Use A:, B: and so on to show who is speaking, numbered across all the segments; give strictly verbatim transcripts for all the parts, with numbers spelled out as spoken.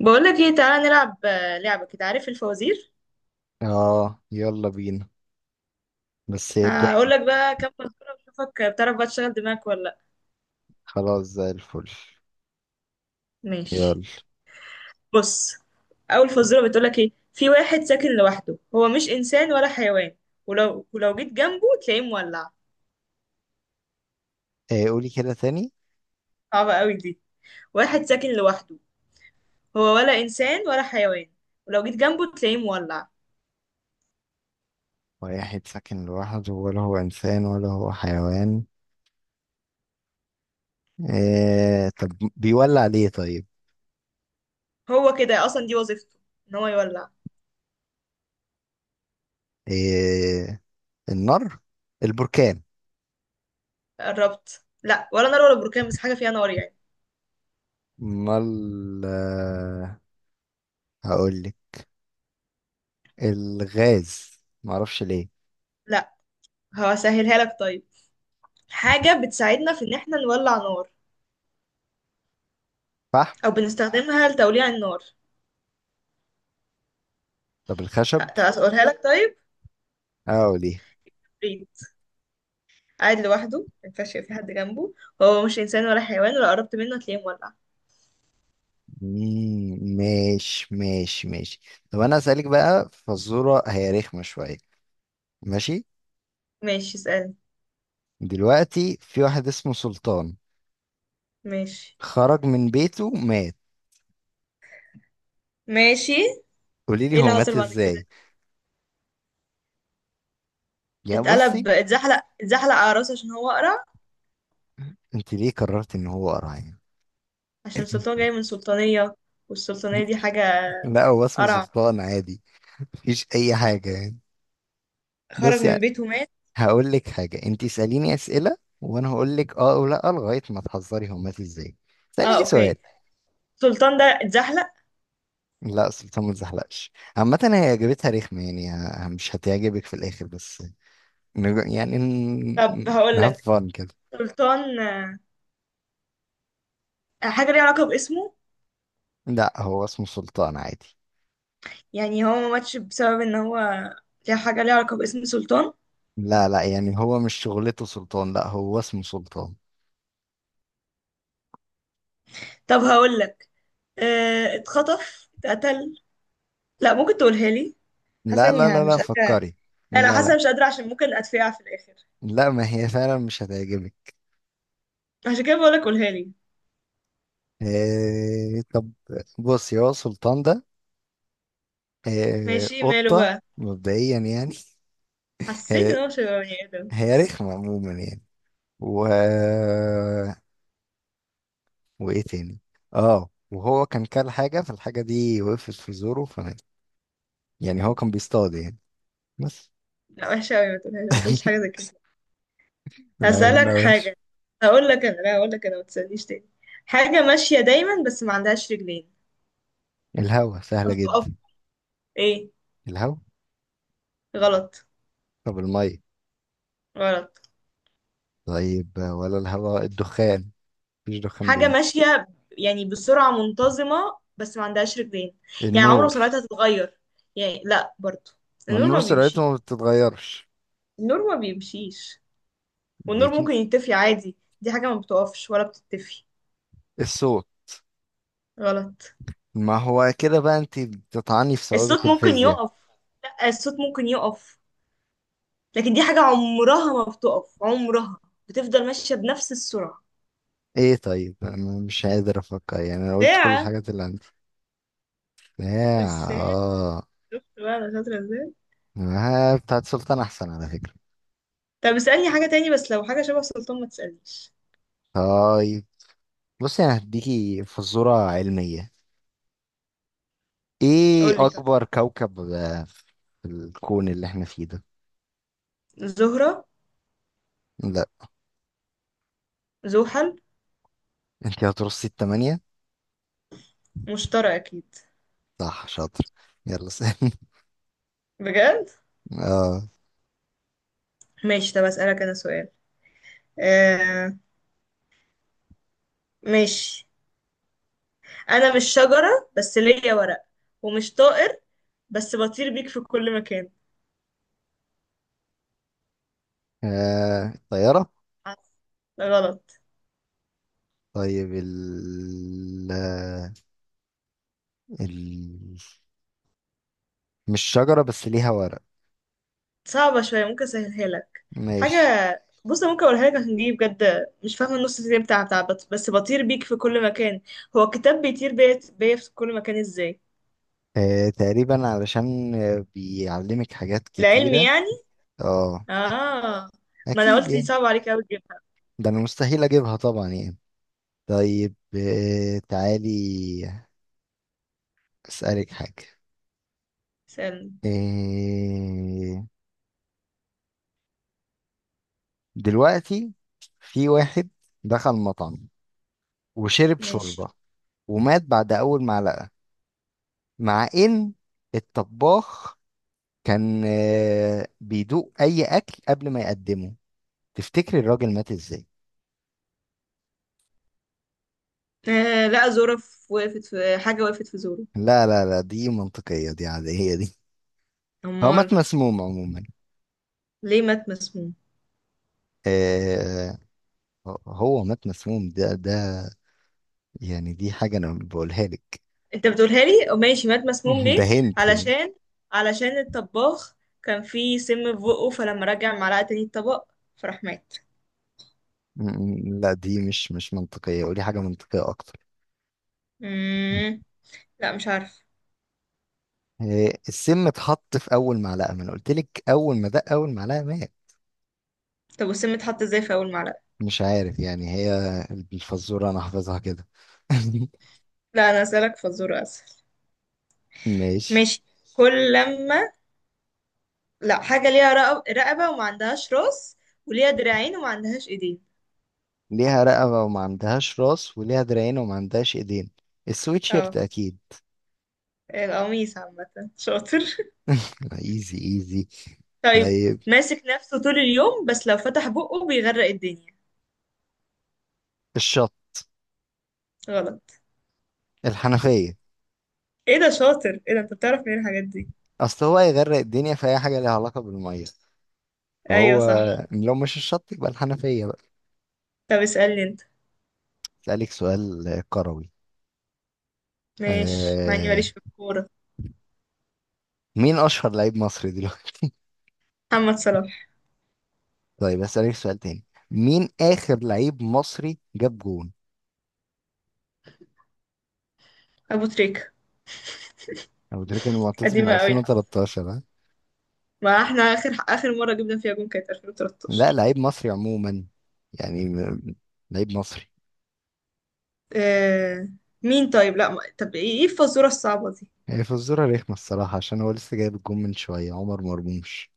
A: بقول لك ايه، تعالى نلعب آه، لعبة كده. عارف الفوازير؟
B: اه، يلا بينا. بس ابدأي.
A: هقول لك بقى كام فزورة واشوفك بتعرف بقى تشغل دماغك ولا لا.
B: خلاص، زي الفل.
A: ماشي.
B: يلا.
A: بص، اول فزورة بتقول لك ايه: في واحد ساكن لوحده، هو مش انسان ولا حيوان، ولو ولو جيت جنبه تلاقيه مولع.
B: ايه؟ قولي كده تاني.
A: صعبة قوي دي. واحد ساكن لوحده، هو ولا انسان ولا حيوان، ولو جيت جنبه تلاقيه مولع.
B: واحد ساكن لوحده، ولا هو انسان ولا هو حيوان. ايه؟ طب، بيولع ليه؟ طيب.
A: هو كده اصلا دي وظيفته، ان هو يولع.
B: ايه؟ النار؟ البركان؟
A: قربت، لا ولا نار ولا بركان، بس حاجة فيها نار يعني.
B: امال آه، هقول لك. الغاز. معرفش ليه.
A: لا، هسهلها لك طيب. حاجة بتساعدنا في إن احنا نولع نار،
B: صح.
A: أو بنستخدمها لتوليع النار.
B: طب الخشب.
A: ه- طب هقولها لك طيب.
B: اه، ليه؟
A: ريد. قاعد لوحده، ما ينفعش يبقى في حد جنبه، هو مش إنسان ولا حيوان، ولا قربت منه هتلاقيه مولع.
B: مم، ماشي ماشي ماشي. طب انا اسالك بقى فزوره، هي رخمه شويه. ماشي.
A: ماشي اسألني.
B: دلوقتي في واحد اسمه سلطان،
A: ماشي.
B: خرج من بيته مات.
A: ماشي.
B: قولي لي
A: ايه اللي
B: هو مات
A: حصل بعد
B: ازاي؟
A: كده؟
B: يا بصي.
A: اتقلب، اتزحلق، اتزحلق على راسه عشان هو قرع.
B: انت ليه قررت ان هو قرعان؟
A: عشان السلطان جاي من سلطانية، والسلطانية دي حاجة.
B: لا، هو اسمه
A: قرع.
B: سلطان عادي. مفيش اي حاجه يعني.
A: خرج
B: بصي،
A: من بيته مات.
B: هقول لك حاجه. انت اساليني اسئله وانا هقول لك اه او لا، لغايه ما تحذري هو مات ازاي.
A: اه،
B: اساليني سؤال.
A: اوكي. السلطان ده اتزحلق؟
B: لا، سلطان ما تزحلقش. عامة هي إجابتها رخمة يعني، ه- مش هتعجبك في الآخر بس. نج- يعني
A: طب هقول
B: نهاف
A: لك.
B: فن كده.
A: سلطان، آه، حاجة ليها علاقة باسمه.
B: لا، هو اسمه سلطان عادي.
A: يعني هو ما ماتش بسبب ان هو. ليه حاجة ليها علاقة باسم سلطان؟
B: لا لا، يعني هو مش شغلته سلطان، لا هو اسمه سلطان.
A: طب هقول لك. اه، اتخطف، اتقتل. لا، ممكن تقولها لي؟ حاسة
B: لا
A: اني
B: لا
A: ها-
B: لا لا،
A: مش قادرة.
B: فكري.
A: لا لا،
B: لا لا،
A: حاسة مش قادرة عشان ممكن اتفقع في الاخر.
B: لا ما هي فعلا مش هتعجبك.
A: عشان كده بقول لك قولها لي.
B: آه طب، بصي هو سلطان ده آه
A: ماشي، ماله
B: قطة.
A: بقى.
B: مبدئيا يعني.
A: حسيت
B: هي
A: ان هو مش هيبقى بني ادم.
B: هي رخمة عموما يعني. و وإيه تاني؟ اه، وهو كان كل حاجة، فالحاجة دي وقفت في زوره فمات. يعني هو كان بيصطاد يعني بس.
A: لا، وحشة قوي، ما تقولهاش، ما تقولش حاجة زي كده.
B: أنا عارف إنها
A: هسألك
B: وحشة.
A: حاجة. هقول لك انا لا، هقول لك انا ما تسألنيش تاني. حاجة ماشية دايما بس ما عندهاش رجلين.
B: الهوا،
A: طب
B: سهلة
A: تقف؟
B: جدا.
A: ايه؟
B: الهوا.
A: غلط.
B: طب المية.
A: غلط.
B: طيب، ولا الهواء الدخان؟ مفيش دخان
A: حاجة
B: بيمشي.
A: ماشية، يعني بسرعة منتظمة بس ما عندهاش رجلين. يعني عمره ما
B: النور.
A: سرعتها تتغير. يعني لا برضو.
B: ما
A: النور
B: النور
A: ما
B: سرعته
A: بيمشيش.
B: ما بتتغيرش.
A: النور ما بيمشيش. والنور
B: بيتن...
A: ممكن يطفي عادي. دي حاجة ما بتقفش ولا بتتفي.
B: الصوت.
A: غلط.
B: ما هو كده بقى انت بتطعني في
A: الصوت
B: ثوابت
A: ممكن
B: الفيزياء.
A: يقف. لا، الصوت ممكن يقف، لكن دي حاجة عمرها ما بتقف، عمرها بتفضل ماشية بنفس السرعة.
B: ايه طيب، انا مش قادر افكر يعني، انا قلت كل
A: ساعة.
B: الحاجات اللي عندي. يا
A: الساعة.
B: اه.
A: شفت بقى أنا شاطرة ازاي؟
B: آه، بتاعت سلطان احسن على فكرة.
A: طب اسألني حاجة تاني، بس لو حاجة شبه سلطان ما تسألنيش.
B: طيب، بصي انا هديكي فزورة علمية. ايه
A: قولي طيب.
B: اكبر كوكب آه، في الكون اللي احنا فيه ده؟
A: زهرة.
B: لا.
A: زحل.
B: انت هترصي التمانية.
A: مشترى اكيد.
B: صح، شاطر. يلا سألني.
A: بجد.
B: اه.
A: ماشي، طب اسالك انا سؤال. آه. ماشي. انا مش شجره بس ليا ورق، ومش طائر بس بطير بيك في كل مكان.
B: آه، الطيارة.
A: غلط.
B: طيب ال... ال... مش شجرة بس ليها ورق.
A: صعبة شوية، ممكن اسهلها لك. حاجة.
B: ماشي.
A: بص أنا ممكن اقولها لك عشان دي بجد مش فاهمة النص التاني بتاع بتاع بط- بس بطير بيك في كل مكان. هو الكتاب بيطير بيا بيا في كل مكان ازاي؟
B: آه تقريبا علشان آه، بيعلمك حاجات
A: العلم
B: كتيرة.
A: يعني.
B: اه
A: اه. ما انا
B: أكيد
A: قلت دي
B: يعني.
A: صعبة عليك اوي تجيبها.
B: ده أنا مستحيل أجيبها طبعا يعني. طيب آه تعالي أسألك حاجة.
A: سألني.
B: آه دلوقتي في واحد دخل مطعم وشرب
A: ماشي.
B: شوربة ومات بعد أول معلقة، مع ان الطباخ كان آه، بيدوق اي اكل قبل ما يقدمه. تفتكري الراجل مات ازاي؟
A: آه، لا، زورة، في- وقفت في حاجة، وقفت في زورة.
B: لا لا لا، دي منطقية دي، عادية دي. هو مات
A: أمال.
B: مسموم عموما.
A: ليه مات مسموم؟
B: آه هو مات مسموم، ده ده يعني دي حاجة انا بقولها لك.
A: أنت بتقولها لي، ماشي، مات مسموم
B: ده
A: ليه؟
B: هنت يعني.
A: علشان، علشان الطباخ كان فيه سم في بقه، فلما رجع معلقة تاني الطبق فراح مات.
B: م- م- لا دي مش مش منطقية، قولي حاجة منطقية اكتر.
A: مم. لا مش عارف.
B: آه، السم اتحط في اول معلقة. ما انا قلت لك اول ما دق اول معلقة مات.
A: طب والسم اتحط ازاي في أول معلقة؟
B: مش عارف يعني، هي الفزورة أنا حافظها كده.
A: لا أنا أسألك في الزورة أسهل.
B: ماشي.
A: ماشي. كل لما. لا، حاجة ليها رقب- رقبة وما عندهاش راس، وليها دراعين وما عندهاش ايدين.
B: ليها رقبة وما عندهاش راس، وليها دراعين وما عندهاش إيدين. السويتشيرت
A: اه.
B: أكيد.
A: القميص عامة. شاطر.
B: ايزي ايزي.
A: طيب.
B: طيب.
A: ماسك نفسه طول اليوم، بس لو فتح بقه بيغرق الدنيا.
B: الشط.
A: غلط.
B: الحنفية.
A: ايه ده شاطر، ايه ده، انت بتعرف منين الحاجات دي؟
B: أصل هو هيغرق الدنيا في أي حاجة ليها علاقة بالمية،
A: ايوه
B: فهو
A: صح.
B: لو مش الشط يبقى الحنفية بقى.
A: طب اسألني انت.
B: أسألك سؤال كروي.
A: ماشي، مع اني
B: آه...
A: ماليش في الكورة.
B: مين أشهر لعيب مصري دلوقتي؟
A: محمد صلاح.
B: طيب أسألك سؤال تاني، مين آخر لعيب مصري جاب جول؟
A: ابو تريكة.
B: أبو تريكة المعتزل من
A: قديمة قوي حاسة.
B: ألفين وتلتاشر ها؟
A: ما احنا اخر اخر مرة جبنا فيها جون كانت
B: لا،
A: ألفين وتلتاشر.
B: لعيب مصري عموما. يعني م- لعيب مصري.
A: آه... مين طيب؟ لا ما... طب ايه، إيه الفزورة الصعبة دي؟
B: هي فزورة رخمة الصراحة، عشان هو لسه جايب الجون من شوية، عمر مرموش.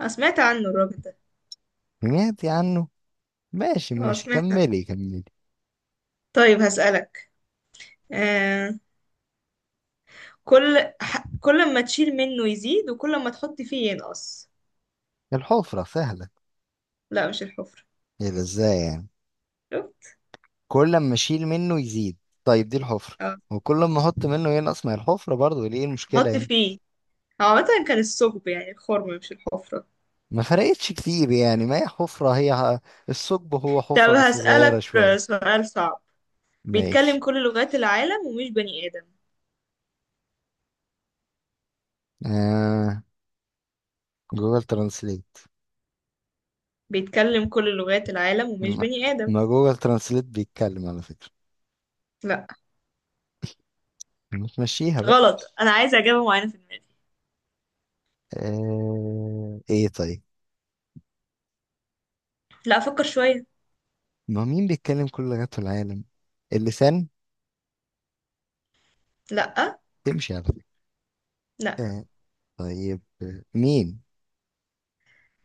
A: انا سمعت عنه الراجل ده.
B: سمعتي عنه. ماشي
A: اه
B: ماشي،
A: سمعت عنه.
B: كملي كملي.
A: طيب هسألك. آه... كل ح... كل ما تشيل منه يزيد، وكل ما تحط فيه ينقص.
B: الحفرة سهلة.
A: لا مش الحفرة.
B: ايه ده ازاي يعني؟
A: شفت؟
B: كل ما اشيل منه يزيد، طيب دي الحفرة.
A: اه.
B: وكل ما احط منه ينقص، ما هي الحفرة برضه، ليه المشكلة
A: حط
B: يعني؟
A: فيه. هو عامة كان الثقب يعني الخرم مش الحفرة.
B: ما فرقتش كتير يعني، ما هي حفرة، هي ه- الثقب هو
A: طب
B: حفرة بس صغيرة
A: هسألك آه،
B: شوية.
A: سؤال صعب.
B: ماشي.
A: بيتكلم كل لغات العالم ومش بني آدم.
B: آه، جوجل ترانسليت.
A: بيتكلم كل لغات العالم ومش
B: ما
A: بني آدم.
B: ما جوجل ترانسليت بيتكلم على فكرة،
A: لا.
B: متمشيها بقى.
A: غلط، أنا عايزة إجابة معينة في دماغي.
B: آه... ايه طيب،
A: لا فكر شوية.
B: ما مين بيتكلم كل لغات العالم؟ اللسان.
A: لا.
B: تمشي على فكرة.
A: لا
B: آه... طيب آه، مين؟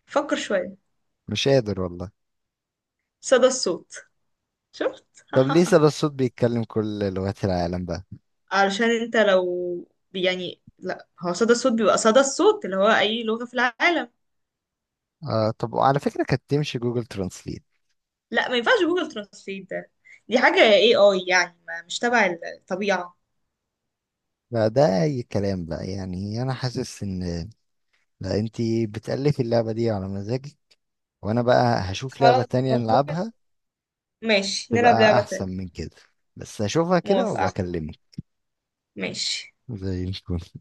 A: فكر شوية.
B: مش قادر والله.
A: صدى الصوت. شفت
B: طب ليه سبب الصوت بيتكلم كل لغات العالم بقى؟
A: علشان انت لو، يعني لا هو صدى الصوت بيبقى صدى الصوت اللي هو أي لغة في العالم.
B: آه... طب، وعلى فكرة كانت تمشي جوجل ترانسليت.
A: لا ما ينفعش جوجل ترانسليت ده. دي حاجة اي اي يعني، ما مش تبع الطبيعة.
B: بقى ده اي كلام بقى يعني، انا حاسس ان، لا انتي بتألفي اللعبة دي على مزاجك، وانا بقى هشوف لعبة
A: خلاص
B: تانية
A: مش ممكن.
B: نلعبها،
A: ماشي نلعب
B: تبقى
A: لعبة
B: احسن
A: تانية.
B: من كده. بس اشوفها كده
A: موافقة.
B: وبكلمك.
A: ماشي.
B: زي الفل.